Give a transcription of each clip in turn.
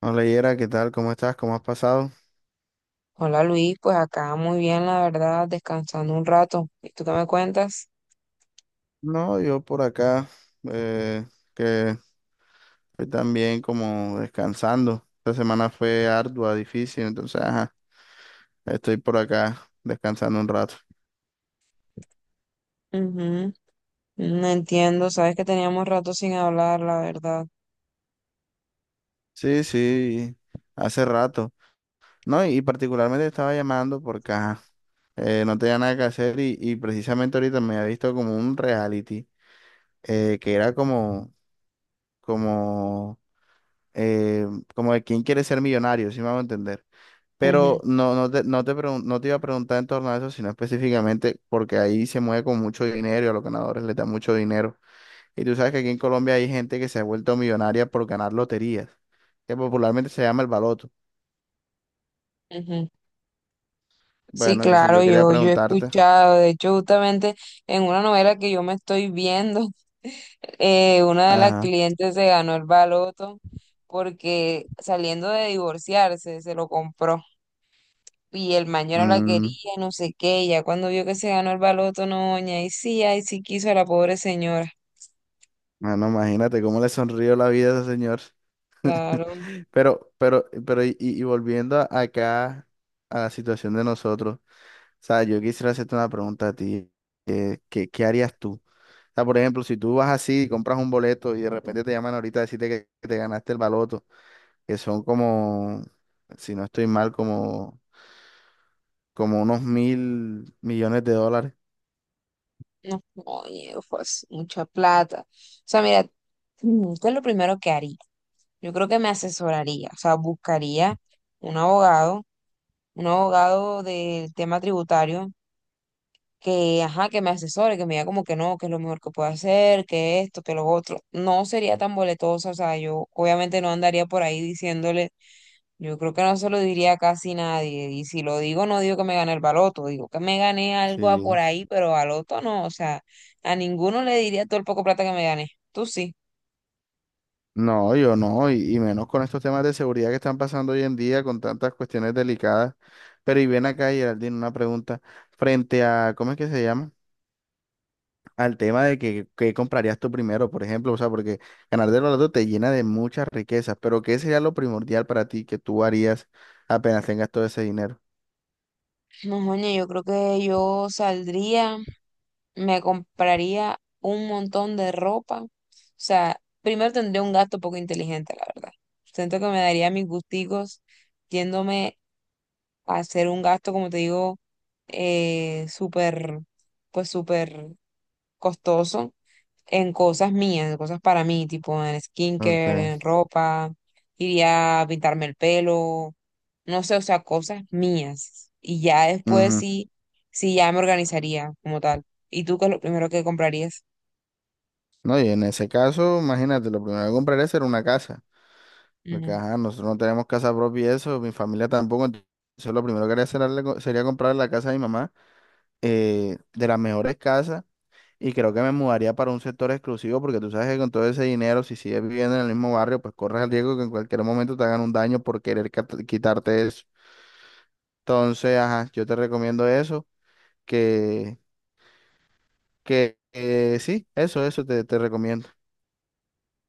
Hola Yera, ¿qué tal? ¿Cómo estás? ¿Cómo has pasado? Hola Luis, pues acá muy bien, la verdad, descansando un rato. ¿Y tú qué me cuentas? No, yo por acá, eh, que estoy también como descansando. Esta semana fue ardua, difícil, entonces, ajá, estoy por acá descansando un rato. Ujú. No entiendo, sabes que teníamos rato sin hablar, la verdad. Sí, sí, hace rato. No, y particularmente estaba llamando porque, ajá, no tenía nada que hacer y precisamente ahorita me había visto como un reality, que era como, eh, como de quién quiere ser millonario, si me hago entender. Pero Ujú, no te iba a preguntar en torno a eso, sino específicamente porque ahí se mueve con mucho dinero y a los ganadores les da mucho dinero. Y tú sabes que aquí en Colombia hay gente que se ha vuelto millonaria por ganar loterías, que popularmente se llama el baloto. ujú. Sí, Bueno, entonces claro, yo quería yo he preguntarte, escuchado, de hecho, justamente en una novela que yo me estoy viendo. Una de las ajá, clientes se ganó el baloto porque saliendo de divorciarse, se lo compró. Y el mañana la mm, quería, no sé qué, y ya cuando vio que se ganó el baloto, no, doña, y sí, ay sí quiso a la pobre señora, bueno, imagínate cómo le sonrió la vida a ese señor. claro. Pero y volviendo acá a la situación de nosotros. O sea, yo quisiera hacerte una pregunta a ti. ¿Qué harías tú? O sea, por ejemplo, si tú vas así y compras un boleto y de repente te llaman ahorita a decirte que te ganaste el baloto, que son si no estoy mal, como unos 1.000 millones de dólares. No, oye, pues, mucha plata, o sea, mira, ¿qué es lo primero que haría? Yo creo que me asesoraría, o sea, buscaría un abogado, un abogado del tema tributario, que, ajá, que me asesore, que me diga como que no, que es lo mejor que puedo hacer, que esto, que lo otro. No sería tan boletosa, o sea, yo obviamente no andaría por ahí diciéndole, yo creo que no se lo diría a casi nadie, y si lo digo, no digo que me gané el baloto, digo que me gané algo a por Sí. ahí, pero baloto no, o sea, a ninguno le diría todo el poco plata que me gané. Tú sí. No, yo no, y menos con estos temas de seguridad que están pasando hoy en día, con tantas cuestiones delicadas. Pero y ven acá, Geraldine, una pregunta. Frente a, ¿cómo es que se llama? Al tema de que comprarías tú primero, por ejemplo, o sea, porque ganar del baloto te llena de muchas riquezas, pero ¿qué sería lo primordial para ti que tú harías apenas tengas todo ese dinero? No, moña, yo creo que yo saldría. Me compraría un montón de ropa. O sea, primero tendría un gasto poco inteligente, la verdad. Siento que me daría mis gusticos yéndome a hacer un gasto, como te digo, eh, súper, pues súper costoso en cosas mías, en cosas para mí, tipo en Okay. skincare, en ropa, iría a pintarme el pelo, no sé, o sea, cosas mías. Y ya después Ujú. sí, sí ya me organizaría como tal. ¿Y tú qué es lo primero que comprarías? No, y en ese caso, imagínate, lo primero que compraría sería una casa, porque ajá, nosotros no tenemos casa propia y eso, mi familia tampoco, entonces lo primero que haría sería comprar la casa de mi mamá, de las mejores casas. Y creo que me mudaría para un sector exclusivo porque tú sabes que con todo ese dinero, si sigues viviendo en el mismo barrio, pues corres el riesgo que en cualquier momento te hagan un daño por querer quitarte eso. Entonces, ajá, yo te recomiendo eso, que, eso te, te recomiendo.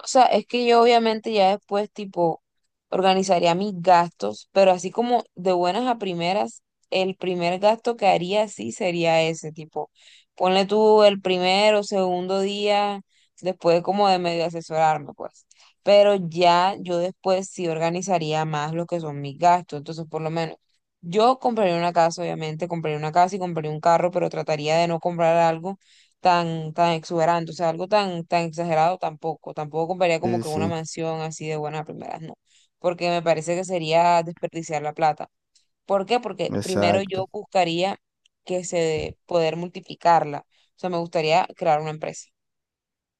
O sea, es que yo obviamente ya después, tipo, organizaría mis gastos, pero así como de buenas a primeras, el primer gasto que haría sí sería ese, tipo, ponle tú el primero, o segundo día, después como de medio asesorarme, pues. Pero ya yo después sí organizaría más lo que son mis gastos, entonces por lo menos yo compraría una casa, obviamente, compraría una casa y compraría un carro, pero trataría de no comprar algo tan exuberante, o sea, algo tan exagerado tampoco. Tampoco compraría como Sí, que una sí, mansión así de buena a primeras, no, porque me parece que sería desperdiciar la plata. ¿Por qué? Porque primero yo exacto. buscaría que se poder multiplicarla. O sea, me gustaría crear una empresa.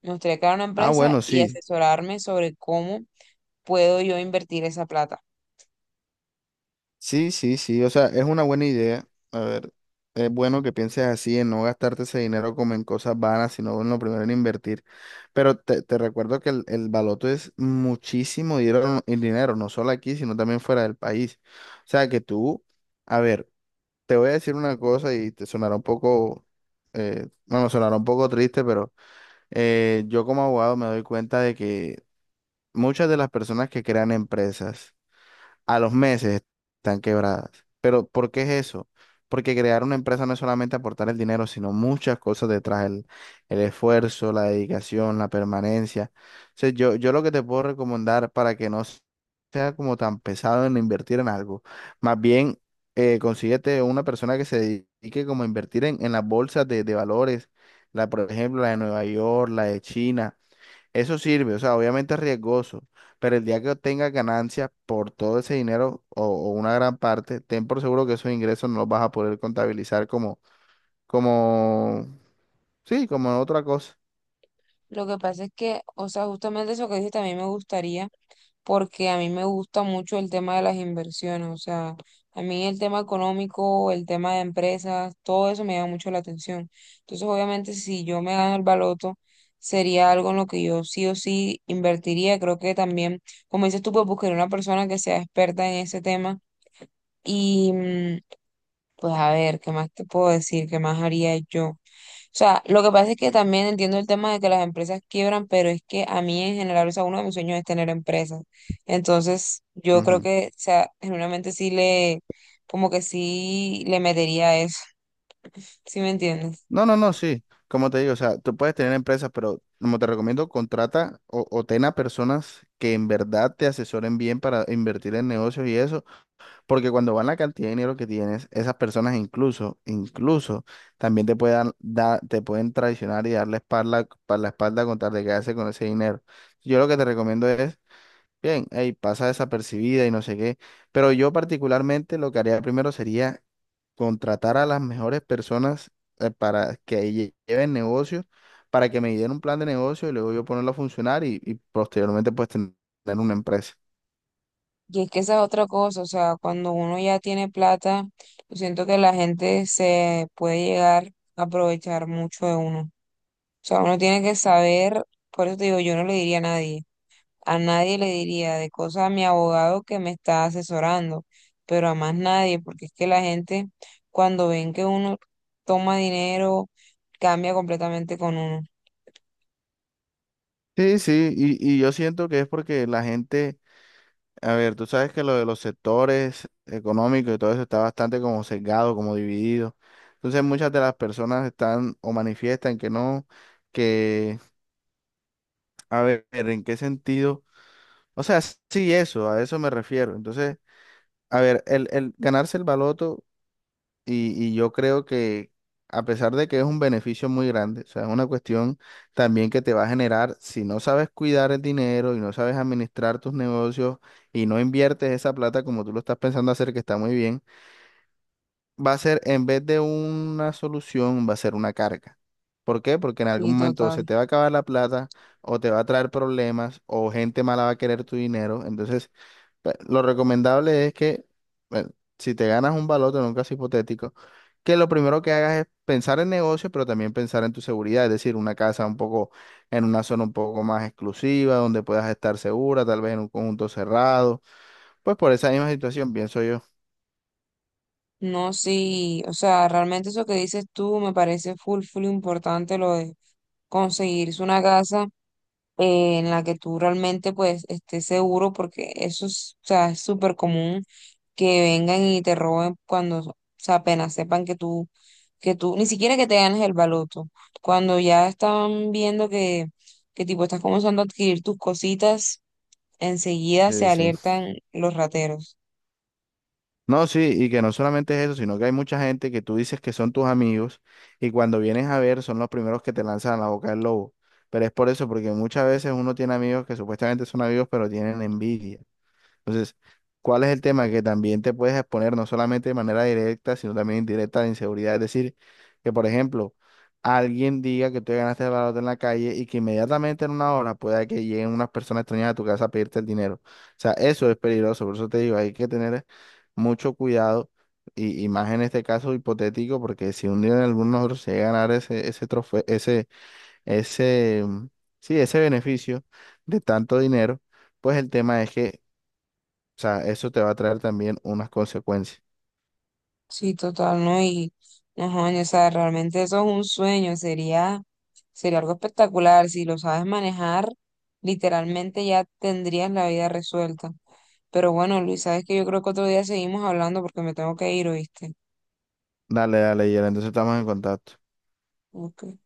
Me gustaría crear una Ah, empresa bueno, y sí. asesorarme sobre cómo puedo yo invertir esa plata. Sí, sí, sí, o sea, es una buena idea. A ver, es bueno que pienses así, en no gastarte ese dinero como en cosas vanas, sino en lo primero en invertir. Pero te recuerdo que el baloto es muchísimo dinero, en dinero, no solo aquí, sino también fuera del país. O sea, que tú, a ver, te voy a decir una cosa y te sonará un poco, bueno, sonará un poco triste, pero yo como abogado me doy cuenta de que muchas de las personas que crean empresas, a los meses están quebradas. Pero ¿por qué es eso? Porque crear una empresa no es solamente aportar el dinero, sino muchas cosas detrás, el esfuerzo, la dedicación, la permanencia. O sea, yo lo que te puedo recomendar para que no sea como tan pesado en invertir en algo, más bien consíguete una persona que se dedique como a invertir en las bolsas de valores, la, por ejemplo, la de Nueva York, la de China eso sirve, o sea, obviamente es riesgoso, pero el día que obtengas ganancias por todo ese dinero o una gran parte, ten por seguro que esos ingresos no los vas a poder contabilizar como, sí, como otra cosa. Lo que pasa es que, o sea, justamente eso que dices también me gustaría porque a mí me gusta mucho el tema de las inversiones, o sea, a mí el tema económico, el tema de empresas, todo eso me llama mucho la atención. Entonces, obviamente, si yo me gano el baloto, sería algo en lo que yo sí o sí invertiría. Creo que también, como dices tú, pues buscaría una persona que sea experta en ese tema y pues, a ver, ¿qué más te puedo decir? ¿Qué más haría yo? O sea, lo que pasa es que también entiendo el tema de que las empresas quiebran, pero es que a mí en general, o sea, uno de mis sueños es tener empresas. Entonces, yo creo Ujú. que, o sea, genuinamente sí le, como que sí le metería a eso. ¿Sí me entiendes? No, no, no, sí. Como te digo, o sea, tú puedes tener empresas, pero como te recomiendo, contrata o ten a personas que en verdad te asesoren bien para invertir en negocios y eso. Porque cuando van la cantidad de dinero que tienes, esas personas incluso también te puedan dar te pueden traicionar y darle espalda, la espalda con tal de quedarse con ese dinero. Yo lo que te recomiendo es, bien, hey, pasa desapercibida y no sé qué. Pero yo particularmente lo que haría primero sería contratar a las mejores personas para que lleven negocios, para que me den un plan de negocio y luego yo ponerlo a funcionar y posteriormente pues tener una empresa. Y es que esa es otra cosa, o sea, cuando uno ya tiene plata, yo siento que la gente se puede llegar a aprovechar mucho de uno. O sea, uno tiene que saber, por eso te digo, yo no le diría a nadie. A nadie le diría de cosas a mi abogado que me está asesorando, pero a más nadie, porque es que la gente cuando ven que uno toma dinero, cambia completamente con uno. Sí, sí, y yo siento que es porque la gente a ver, tú sabes que lo de los sectores económicos y todo eso está bastante como sesgado, como dividido. Entonces muchas de las personas están o manifiestan que no, que, a ver, ¿en qué sentido? O sea, sí, eso, a eso me refiero. Entonces, a ver, el ganarse el baloto y yo creo que a pesar de que es un beneficio muy grande, o sea, es una cuestión también que te va a generar, si no sabes cuidar el dinero y no sabes administrar tus negocios y no inviertes esa plata como tú lo estás pensando hacer, que está muy bien, va a ser en vez de una solución, va a ser una carga. ¿Por qué? Porque en algún Y momento se total. te va a acabar la plata o te va a traer problemas o gente mala va a querer tu dinero. Entonces, pues, lo recomendable es que, bueno, si te ganas un baloto en un caso hipotético, que lo primero que hagas es pensar en negocio, pero también pensar en tu seguridad, es decir, una casa un poco, en una zona un poco más exclusiva, donde puedas estar segura, tal vez en un conjunto cerrado, pues por esa misma situación, pienso yo. No, sí, o sea, realmente eso que dices tú me parece full, full importante lo de conseguirse una casa en la que tú realmente pues estés seguro porque eso es, o sea, es súper común que vengan y te roben cuando, o sea, apenas sepan que tú, ni siquiera que te ganes el baloto, cuando ya están viendo que tipo estás comenzando a adquirir tus cositas, enseguida se Sí, sí. alertan los rateros. No, sí, y que no solamente es eso, sino que hay mucha gente que tú dices que son tus amigos y cuando vienes a ver son los primeros que te lanzan a la boca del lobo. Pero es por eso, porque muchas veces uno tiene amigos que supuestamente son amigos, pero tienen envidia. Entonces, ¿cuál es el tema? Que también te puedes exponer no solamente de manera directa, sino también indirecta a la inseguridad. Es decir, que por ejemplo, alguien diga que tú te ganaste el baloto en la calle y que inmediatamente en 1 hora pueda que lleguen unas personas extrañas a tu casa a pedirte el dinero. O sea, eso es peligroso. Por eso te digo, hay que tener mucho cuidado y más en este caso hipotético, porque si un día en alguno de nosotros se llega a ganar ese trofeo, ese, mm, sí, ese beneficio de tanto dinero, pues el tema es que sea, eso te va a traer también unas consecuencias. Sí, total, ¿no? Y no jodas, o sea, realmente eso es un sueño, sería, sería algo espectacular. Si lo sabes manejar, literalmente ya tendrías la vida resuelta. Pero bueno, Luis, sabes que yo creo que otro día seguimos hablando porque me tengo que ir, ¿oíste? Dale, dale, Yera, entonces estamos en contacto. Ok.